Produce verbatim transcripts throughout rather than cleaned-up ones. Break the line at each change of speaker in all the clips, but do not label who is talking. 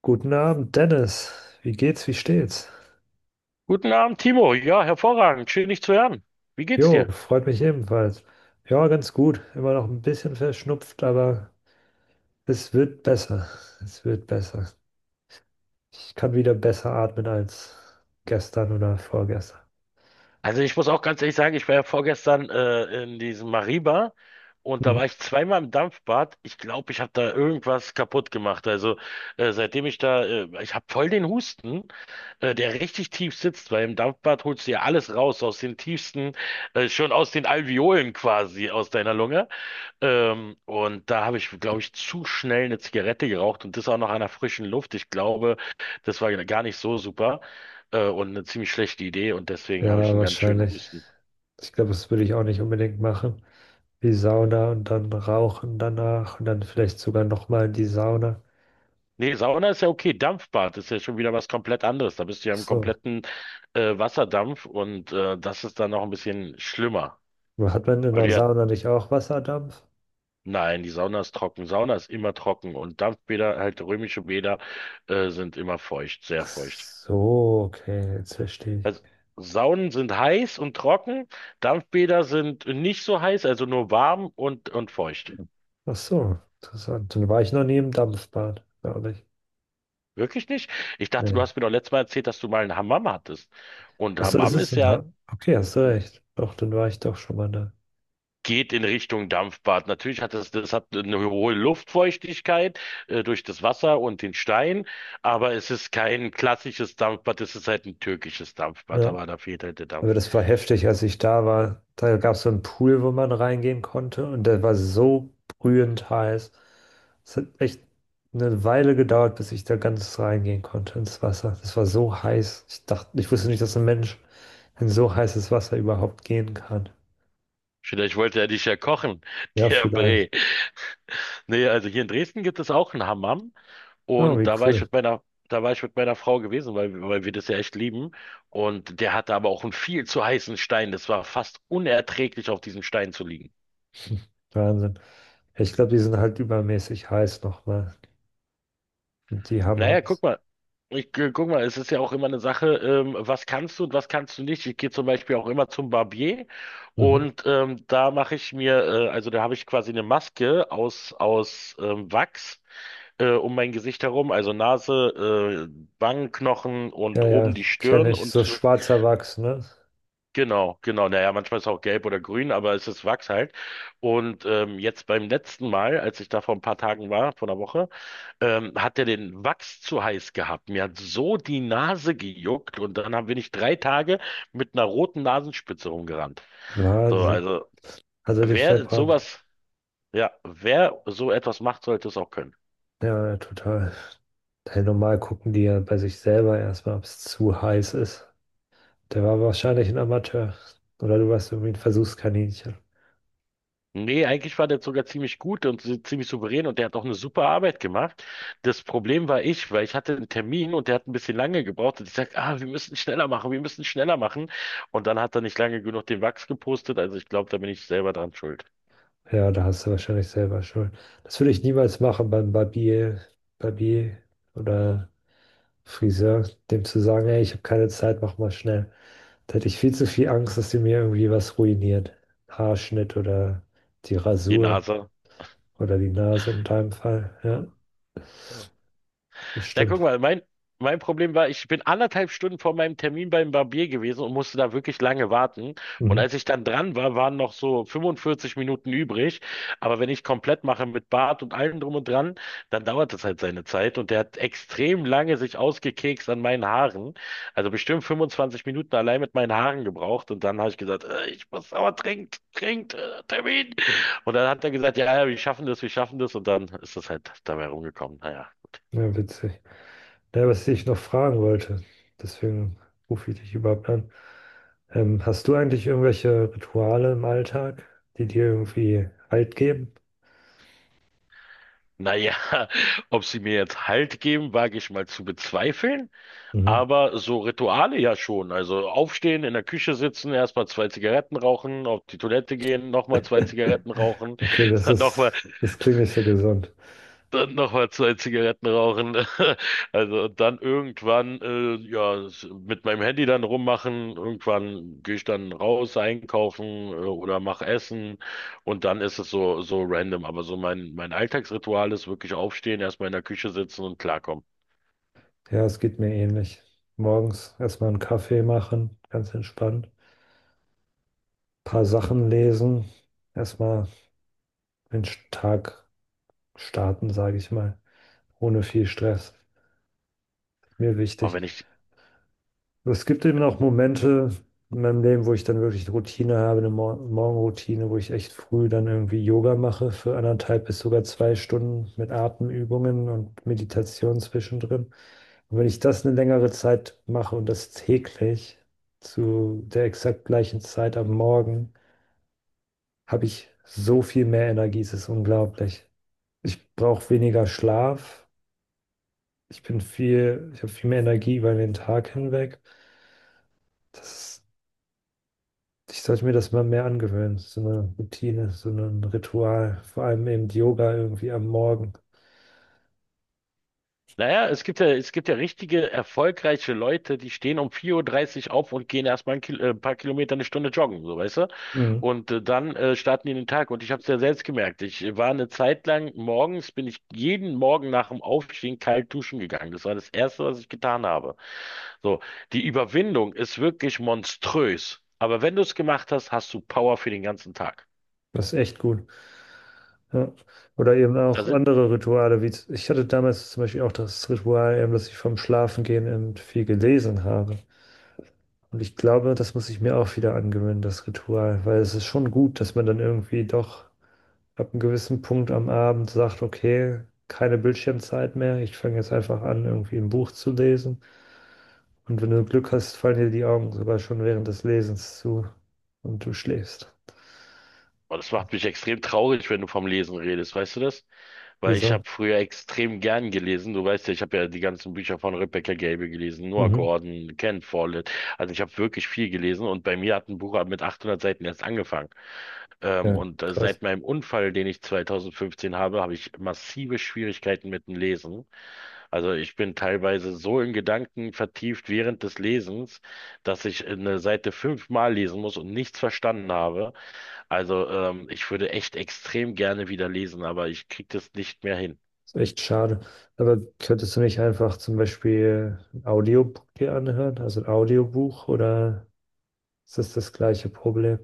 Guten Abend, Dennis. Wie geht's? Wie steht's?
Guten Abend, Timo. Ja, hervorragend. Schön, dich zu hören. Wie geht's
Jo,
dir?
freut mich ebenfalls. Ja, ganz gut. Immer noch ein bisschen verschnupft, aber es wird besser. Es wird besser. Ich kann wieder besser atmen als gestern oder vorgestern.
Also ich muss auch ganz ehrlich sagen, ich war ja vorgestern äh, in diesem Mariba und da war
Mhm.
ich zweimal im Dampfbad. Ich glaube, ich habe da irgendwas kaputt gemacht. Also äh, seitdem ich da, äh, ich habe voll den Husten, äh, der richtig tief sitzt, weil im Dampfbad holst du ja alles raus aus den tiefsten, äh, schon aus den Alveolen quasi aus deiner Lunge. Ähm, und da habe ich, glaube ich, zu schnell eine Zigarette geraucht und das auch noch an der frischen Luft. Ich glaube, das war gar nicht so super äh, und eine ziemlich schlechte Idee, und deswegen habe ich
Ja,
einen ganz schönen
wahrscheinlich.
Husten.
Ich glaube, das würde ich auch nicht unbedingt machen. Die Sauna und dann rauchen danach und dann vielleicht sogar nochmal in die Sauna.
Nee, Sauna ist ja okay. Dampfbad ist ja schon wieder was komplett anderes. Da bist du ja
Ach
im
so.
kompletten äh, Wasserdampf, und äh, das ist dann noch ein bisschen schlimmer.
Hat man in
Weil du
der
ja,
Sauna nicht auch Wasserdampf?
nein, die Sauna ist trocken. Sauna ist immer trocken, und Dampfbäder, halt römische Bäder, äh, sind immer feucht,
Ach
sehr feucht.
so, okay, jetzt verstehe ich.
Also Saunen sind heiß und trocken, Dampfbäder sind nicht so heiß, also nur warm und, und feucht.
Ach so, interessant. Dann war ich noch nie im Dampfbad, glaube ich.
Wirklich nicht? Ich dachte, du
Nee.
hast mir doch letztes Mal erzählt, dass du mal einen Hammam hattest. Und
Ach so, das
Hammam
ist
ist
ein.
ja,
Ha Okay, hast du recht. Doch, dann war ich doch schon mal da.
geht in Richtung Dampfbad. Natürlich hat es, das hat eine hohe Luftfeuchtigkeit, äh, durch das Wasser und den Stein, aber es ist kein klassisches Dampfbad, es ist halt ein türkisches Dampfbad,
Ja.
aber da fehlt halt der
Aber
Dampf.
das war heftig, als ich da war. Da gab es so einen Pool, wo man reingehen konnte und der war so brühend heiß. Es hat echt eine Weile gedauert, bis ich da ganz reingehen konnte ins Wasser. Das war so heiß. Ich dachte, ich wusste nicht, dass ein Mensch in so heißes Wasser überhaupt gehen kann.
Vielleicht wollte er dich ja kochen,
Ja,
der
vielleicht.
Bre. Nee, also hier in Dresden gibt es auch einen Hammam.
Oh,
Und
wie
da war ich
cool.
mit meiner, Da war ich mit meiner Frau gewesen, weil, weil wir das ja echt lieben. Und der hatte aber auch einen viel zu heißen Stein. Das war fast unerträglich, auf diesem Stein zu liegen.
Wahnsinn. Ja, Ich glaube, die sind halt übermäßig heiß nochmal. Die haben
Naja, guck
Angst.
mal. Ich, äh, guck mal, es ist ja auch immer eine Sache, ähm, was kannst du und was kannst du nicht. Ich gehe zum Beispiel auch immer zum Barbier,
Mhm.
und ähm, da mache ich mir, äh, also da habe ich quasi eine Maske aus, aus ähm, Wachs äh, um mein Gesicht herum, also Nase, äh, Wangenknochen und
Ja, ja,
oben die
kenne
Stirn,
ich. So
und
schwarzer Wachs, ne?
genau, genau. Naja, manchmal ist es auch gelb oder grün, aber es ist Wachs halt. Und ähm, jetzt beim letzten Mal, als ich da vor ein paar Tagen war, vor einer Woche, ähm, hat er den Wachs zu heiß gehabt. Mir hat so die Nase gejuckt, und dann haben wir nicht drei Tage mit einer roten Nasenspitze rumgerannt. So,
Wahnsinn.
also
Also dich
wer
verbrannt.
sowas, ja, wer so etwas macht, sollte es auch können.
Ja, ja, total. Hey, normal gucken die ja bei sich selber erstmal, ob es zu heiß ist. Der war wahrscheinlich ein Amateur. Oder du warst irgendwie ein Versuchskaninchen.
Nee, eigentlich war der sogar ziemlich gut und so- ziemlich souverän, und der hat auch eine super Arbeit gemacht. Das Problem war ich, weil ich hatte einen Termin und der hat ein bisschen lange gebraucht, und ich sag, ah, wir müssen schneller machen, wir müssen schneller machen. Und dann hat er nicht lange genug den Wachs gepostet, also ich glaube, da bin ich selber dran schuld.
Ja, da hast du wahrscheinlich selber Schuld. Das würde ich niemals machen beim Barbier, Barbier oder Friseur, dem zu sagen, ey, ich habe keine Zeit, mach mal schnell. Da hätte ich viel zu viel Angst, dass die mir irgendwie was ruiniert. Haarschnitt oder die
Die
Rasur
Nase.
oder die Nase in deinem Fall. Ja, das
Na, guck
stimmt.
mal, mein, mein Problem war, ich bin anderthalb Stunden vor meinem Termin beim Barbier gewesen und musste da wirklich lange warten. Und
Mhm.
als ich dann dran war, waren noch so fünfundvierzig Minuten übrig. Aber wenn ich komplett mache mit Bart und allem drum und dran, dann dauert das halt seine Zeit. Und der hat extrem lange sich ausgekekst an meinen Haaren. Also bestimmt fünfundzwanzig Minuten allein mit meinen Haaren gebraucht. Und dann habe ich gesagt, äh, ich muss aber trinkt, trinkt, äh, Termin. Und dann hat er gesagt, ja, ja, wir schaffen das, wir schaffen das. Und dann ist das halt dabei rumgekommen. Naja.
Ja, witzig. Ja, was ich noch fragen wollte, deswegen rufe ich dich überhaupt an. Ähm, hast du eigentlich irgendwelche Rituale im Alltag, die dir irgendwie Halt geben?
Naja, ob sie mir jetzt Halt geben, wage ich mal zu bezweifeln.
Mhm.
Aber so Rituale ja schon. Also aufstehen, in der Küche sitzen, erstmal zwei Zigaretten rauchen, auf die Toilette gehen, nochmal zwei Zigaretten rauchen,
Okay, das
dann nochmal.
ist, das klingt nicht so gesund.
Dann nochmal zwei Zigaretten rauchen. Also, und dann irgendwann, äh, ja, s- mit meinem Handy dann rummachen. Irgendwann gehe ich dann raus einkaufen, äh, oder mach Essen. Und dann ist es so, so random. Aber so mein, mein Alltagsritual ist wirklich aufstehen, erstmal in der Küche sitzen und klarkommen.
Ja, es geht mir ähnlich. Morgens erstmal einen Kaffee machen, ganz entspannt. Paar Sachen lesen. Erstmal den Tag starten, sage ich mal. Ohne viel Stress. Mir
Aber
wichtig.
wenn ich,
Es gibt eben auch Momente in meinem Leben, wo ich dann wirklich eine Routine habe, eine Mor Morgenroutine, wo ich echt früh dann irgendwie Yoga mache für anderthalb bis sogar zwei Stunden mit Atemübungen und Meditation zwischendrin. Und wenn ich das eine längere Zeit mache und das täglich zu der exakt gleichen Zeit am Morgen, habe ich so viel mehr Energie, es ist unglaublich. Ich brauche weniger Schlaf, ich bin viel, ich habe viel mehr Energie über den Tag hinweg. Das Ich sollte mir das mal mehr angewöhnen, so eine Routine, so ein Ritual, vor allem eben Yoga irgendwie am Morgen.
naja, es gibt ja, es gibt ja richtige, erfolgreiche Leute, die stehen um vier Uhr dreißig auf und gehen erstmal ein, Kil äh, ein paar Kilometer eine Stunde joggen, so weißt du?
Mhm.
Und äh, dann äh, starten die in den Tag. Und ich habe es ja selbst gemerkt. Ich äh, war eine Zeit lang morgens, bin ich jeden Morgen nach dem Aufstehen kalt duschen gegangen. Das war das Erste, was ich getan habe. So, die Überwindung ist wirklich monströs. Aber wenn du es gemacht hast, hast du Power für den ganzen Tag.
Das ist echt gut. Ja. Oder eben
Da
auch
sind,
andere Rituale, wie z- ich hatte damals zum Beispiel auch das Ritual, eben, dass ich vom Schlafengehen eben viel gelesen habe. Und ich glaube, das muss ich mir auch wieder angewöhnen, das Ritual, weil es ist schon gut, dass man dann irgendwie doch ab einem gewissen Punkt am Abend sagt, okay, keine Bildschirmzeit mehr, ich fange jetzt einfach an, irgendwie ein Buch zu lesen. Und wenn du Glück hast, fallen dir die Augen sogar schon während des Lesens zu und du schläfst.
oh, das macht mich extrem traurig, wenn du vom Lesen redest. Weißt du das? Weil ich habe
Wieso?
früher extrem gern gelesen. Du weißt ja, ich habe ja die ganzen Bücher von Rebecca Gable gelesen, Noah
Mhm.
Gordon, Ken Follett. Also ich habe wirklich viel gelesen, und bei mir hat ein Buch mit achthundert Seiten erst angefangen. Ähm,
Ja,
und äh,
krass.
seit meinem Unfall, den ich zwanzig fünfzehn habe, habe ich massive Schwierigkeiten mit dem Lesen. Also ich bin teilweise so in Gedanken vertieft während des Lesens, dass ich eine Seite fünfmal lesen muss und nichts verstanden habe. Also, ähm, ich würde echt extrem gerne wieder lesen, aber ich krieg das nicht mehr hin.
Ist echt schade. Aber könntest du nicht einfach zum Beispiel ein Audiobook dir anhören, also ein Audiobuch, oder ist das das gleiche Problem?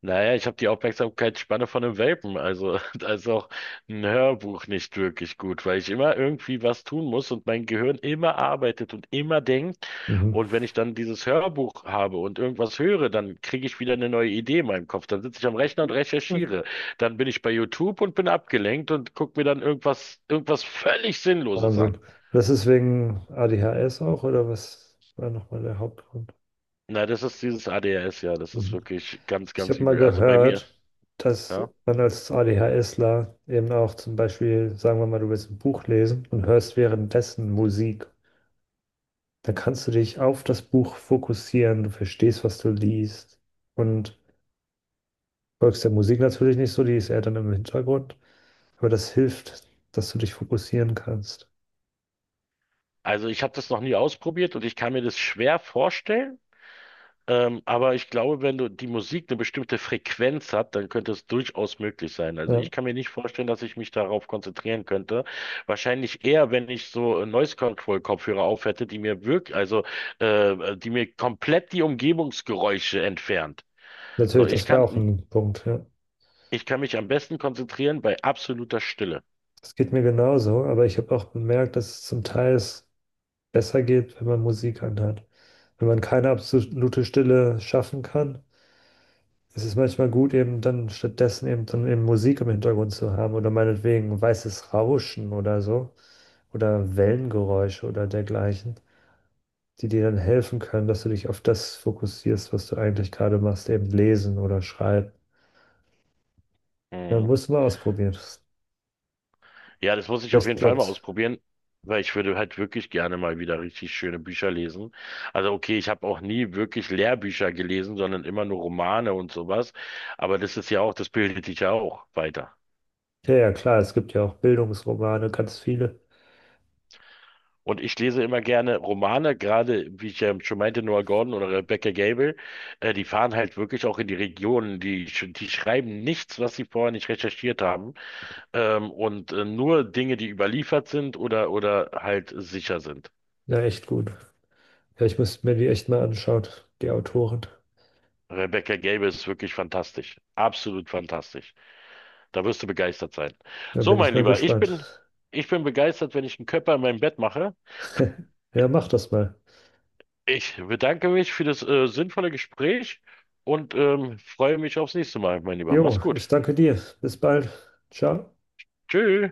Naja, ich habe die Aufmerksamkeitsspanne von einem Welpen, also da ist auch ein Hörbuch nicht wirklich gut, weil ich immer irgendwie was tun muss und mein Gehirn immer arbeitet und immer denkt.
Mhm.
Und wenn ich dann dieses Hörbuch habe und irgendwas höre, dann kriege ich wieder eine neue Idee in meinem Kopf. Dann sitze ich am Rechner und
Hm.
recherchiere. Dann bin ich bei YouTube und bin abgelenkt und gucke mir dann irgendwas, irgendwas völlig Sinnloses an.
Wahnsinn. Das ist wegen A D H S auch, oder was war nochmal der Hauptgrund?
Na, das ist dieses A D H S, ja, das ist
Mhm.
wirklich ganz,
Ich
ganz
habe mal
übel. Also bei mir,
gehört, dass
ja.
man als ADHSler eben auch zum Beispiel, sagen wir mal, du willst ein Buch lesen und hörst währenddessen Musik. Dann kannst du dich auf das Buch fokussieren, du verstehst, was du liest und folgst der Musik natürlich nicht so, die ist eher dann im Hintergrund, aber das hilft, dass du dich fokussieren kannst.
Also ich habe das noch nie ausprobiert, und ich kann mir das schwer vorstellen. Ähm, aber ich glaube, wenn du die Musik eine bestimmte Frequenz hat, dann könnte es durchaus möglich sein. Also
Ja,
ich kann mir nicht vorstellen, dass ich mich darauf konzentrieren könnte. Wahrscheinlich eher, wenn ich so äh, Noise Control Kopfhörer auf hätte, die mir wirklich, also äh, die mir komplett die Umgebungsgeräusche entfernt. So,
natürlich,
ich
das wäre auch
kann,
ein Punkt, ja.
ich kann mich am besten konzentrieren bei absoluter Stille.
Das geht mir genauso, aber ich habe auch bemerkt, dass es zum Teil ist, besser geht, wenn man Musik anhat. Wenn man keine absolute Stille schaffen kann, ist es manchmal gut, eben dann stattdessen eben dann eben Musik im Hintergrund zu haben oder meinetwegen weißes Rauschen oder so oder Wellengeräusche oder dergleichen, die dir dann helfen können, dass du dich auf das fokussierst, was du eigentlich gerade machst, eben lesen oder schreiben. Dann
Mhm.
musst du mal ausprobieren.
Ja, das muss ich auf
Vielleicht
jeden Fall mal
klappt's.
ausprobieren, weil ich würde halt wirklich gerne mal wieder richtig schöne Bücher lesen. Also okay, ich habe auch nie wirklich Lehrbücher gelesen, sondern immer nur Romane und sowas. Aber das ist ja auch, das bildet dich ja auch weiter.
Ja, ja, klar, es gibt ja auch Bildungsromane, ganz viele.
Und ich lese immer gerne Romane, gerade wie ich ja schon meinte, Noah Gordon oder Rebecca Gable, äh, die fahren halt wirklich auch in die Regionen, die, sch- die schreiben nichts, was sie vorher nicht recherchiert haben, ähm, und äh, nur Dinge, die überliefert sind oder, oder halt sicher sind.
Ja, echt gut. Ja, ich müsste mir die echt mal anschauen, die Autoren.
Rebecca Gable ist wirklich fantastisch. Absolut fantastisch. Da wirst du begeistert sein.
Da
So,
bin ich
mein
mal
Lieber, ich bin,
gespannt.
ich bin begeistert, wenn ich einen Körper in meinem Bett mache.
Ja, mach das mal.
Ich bedanke mich für das äh, sinnvolle Gespräch und ähm, freue mich aufs nächste Mal, mein Lieber. Mach's
Jo,
gut.
ich danke dir. Bis bald. Ciao.
Tschüss.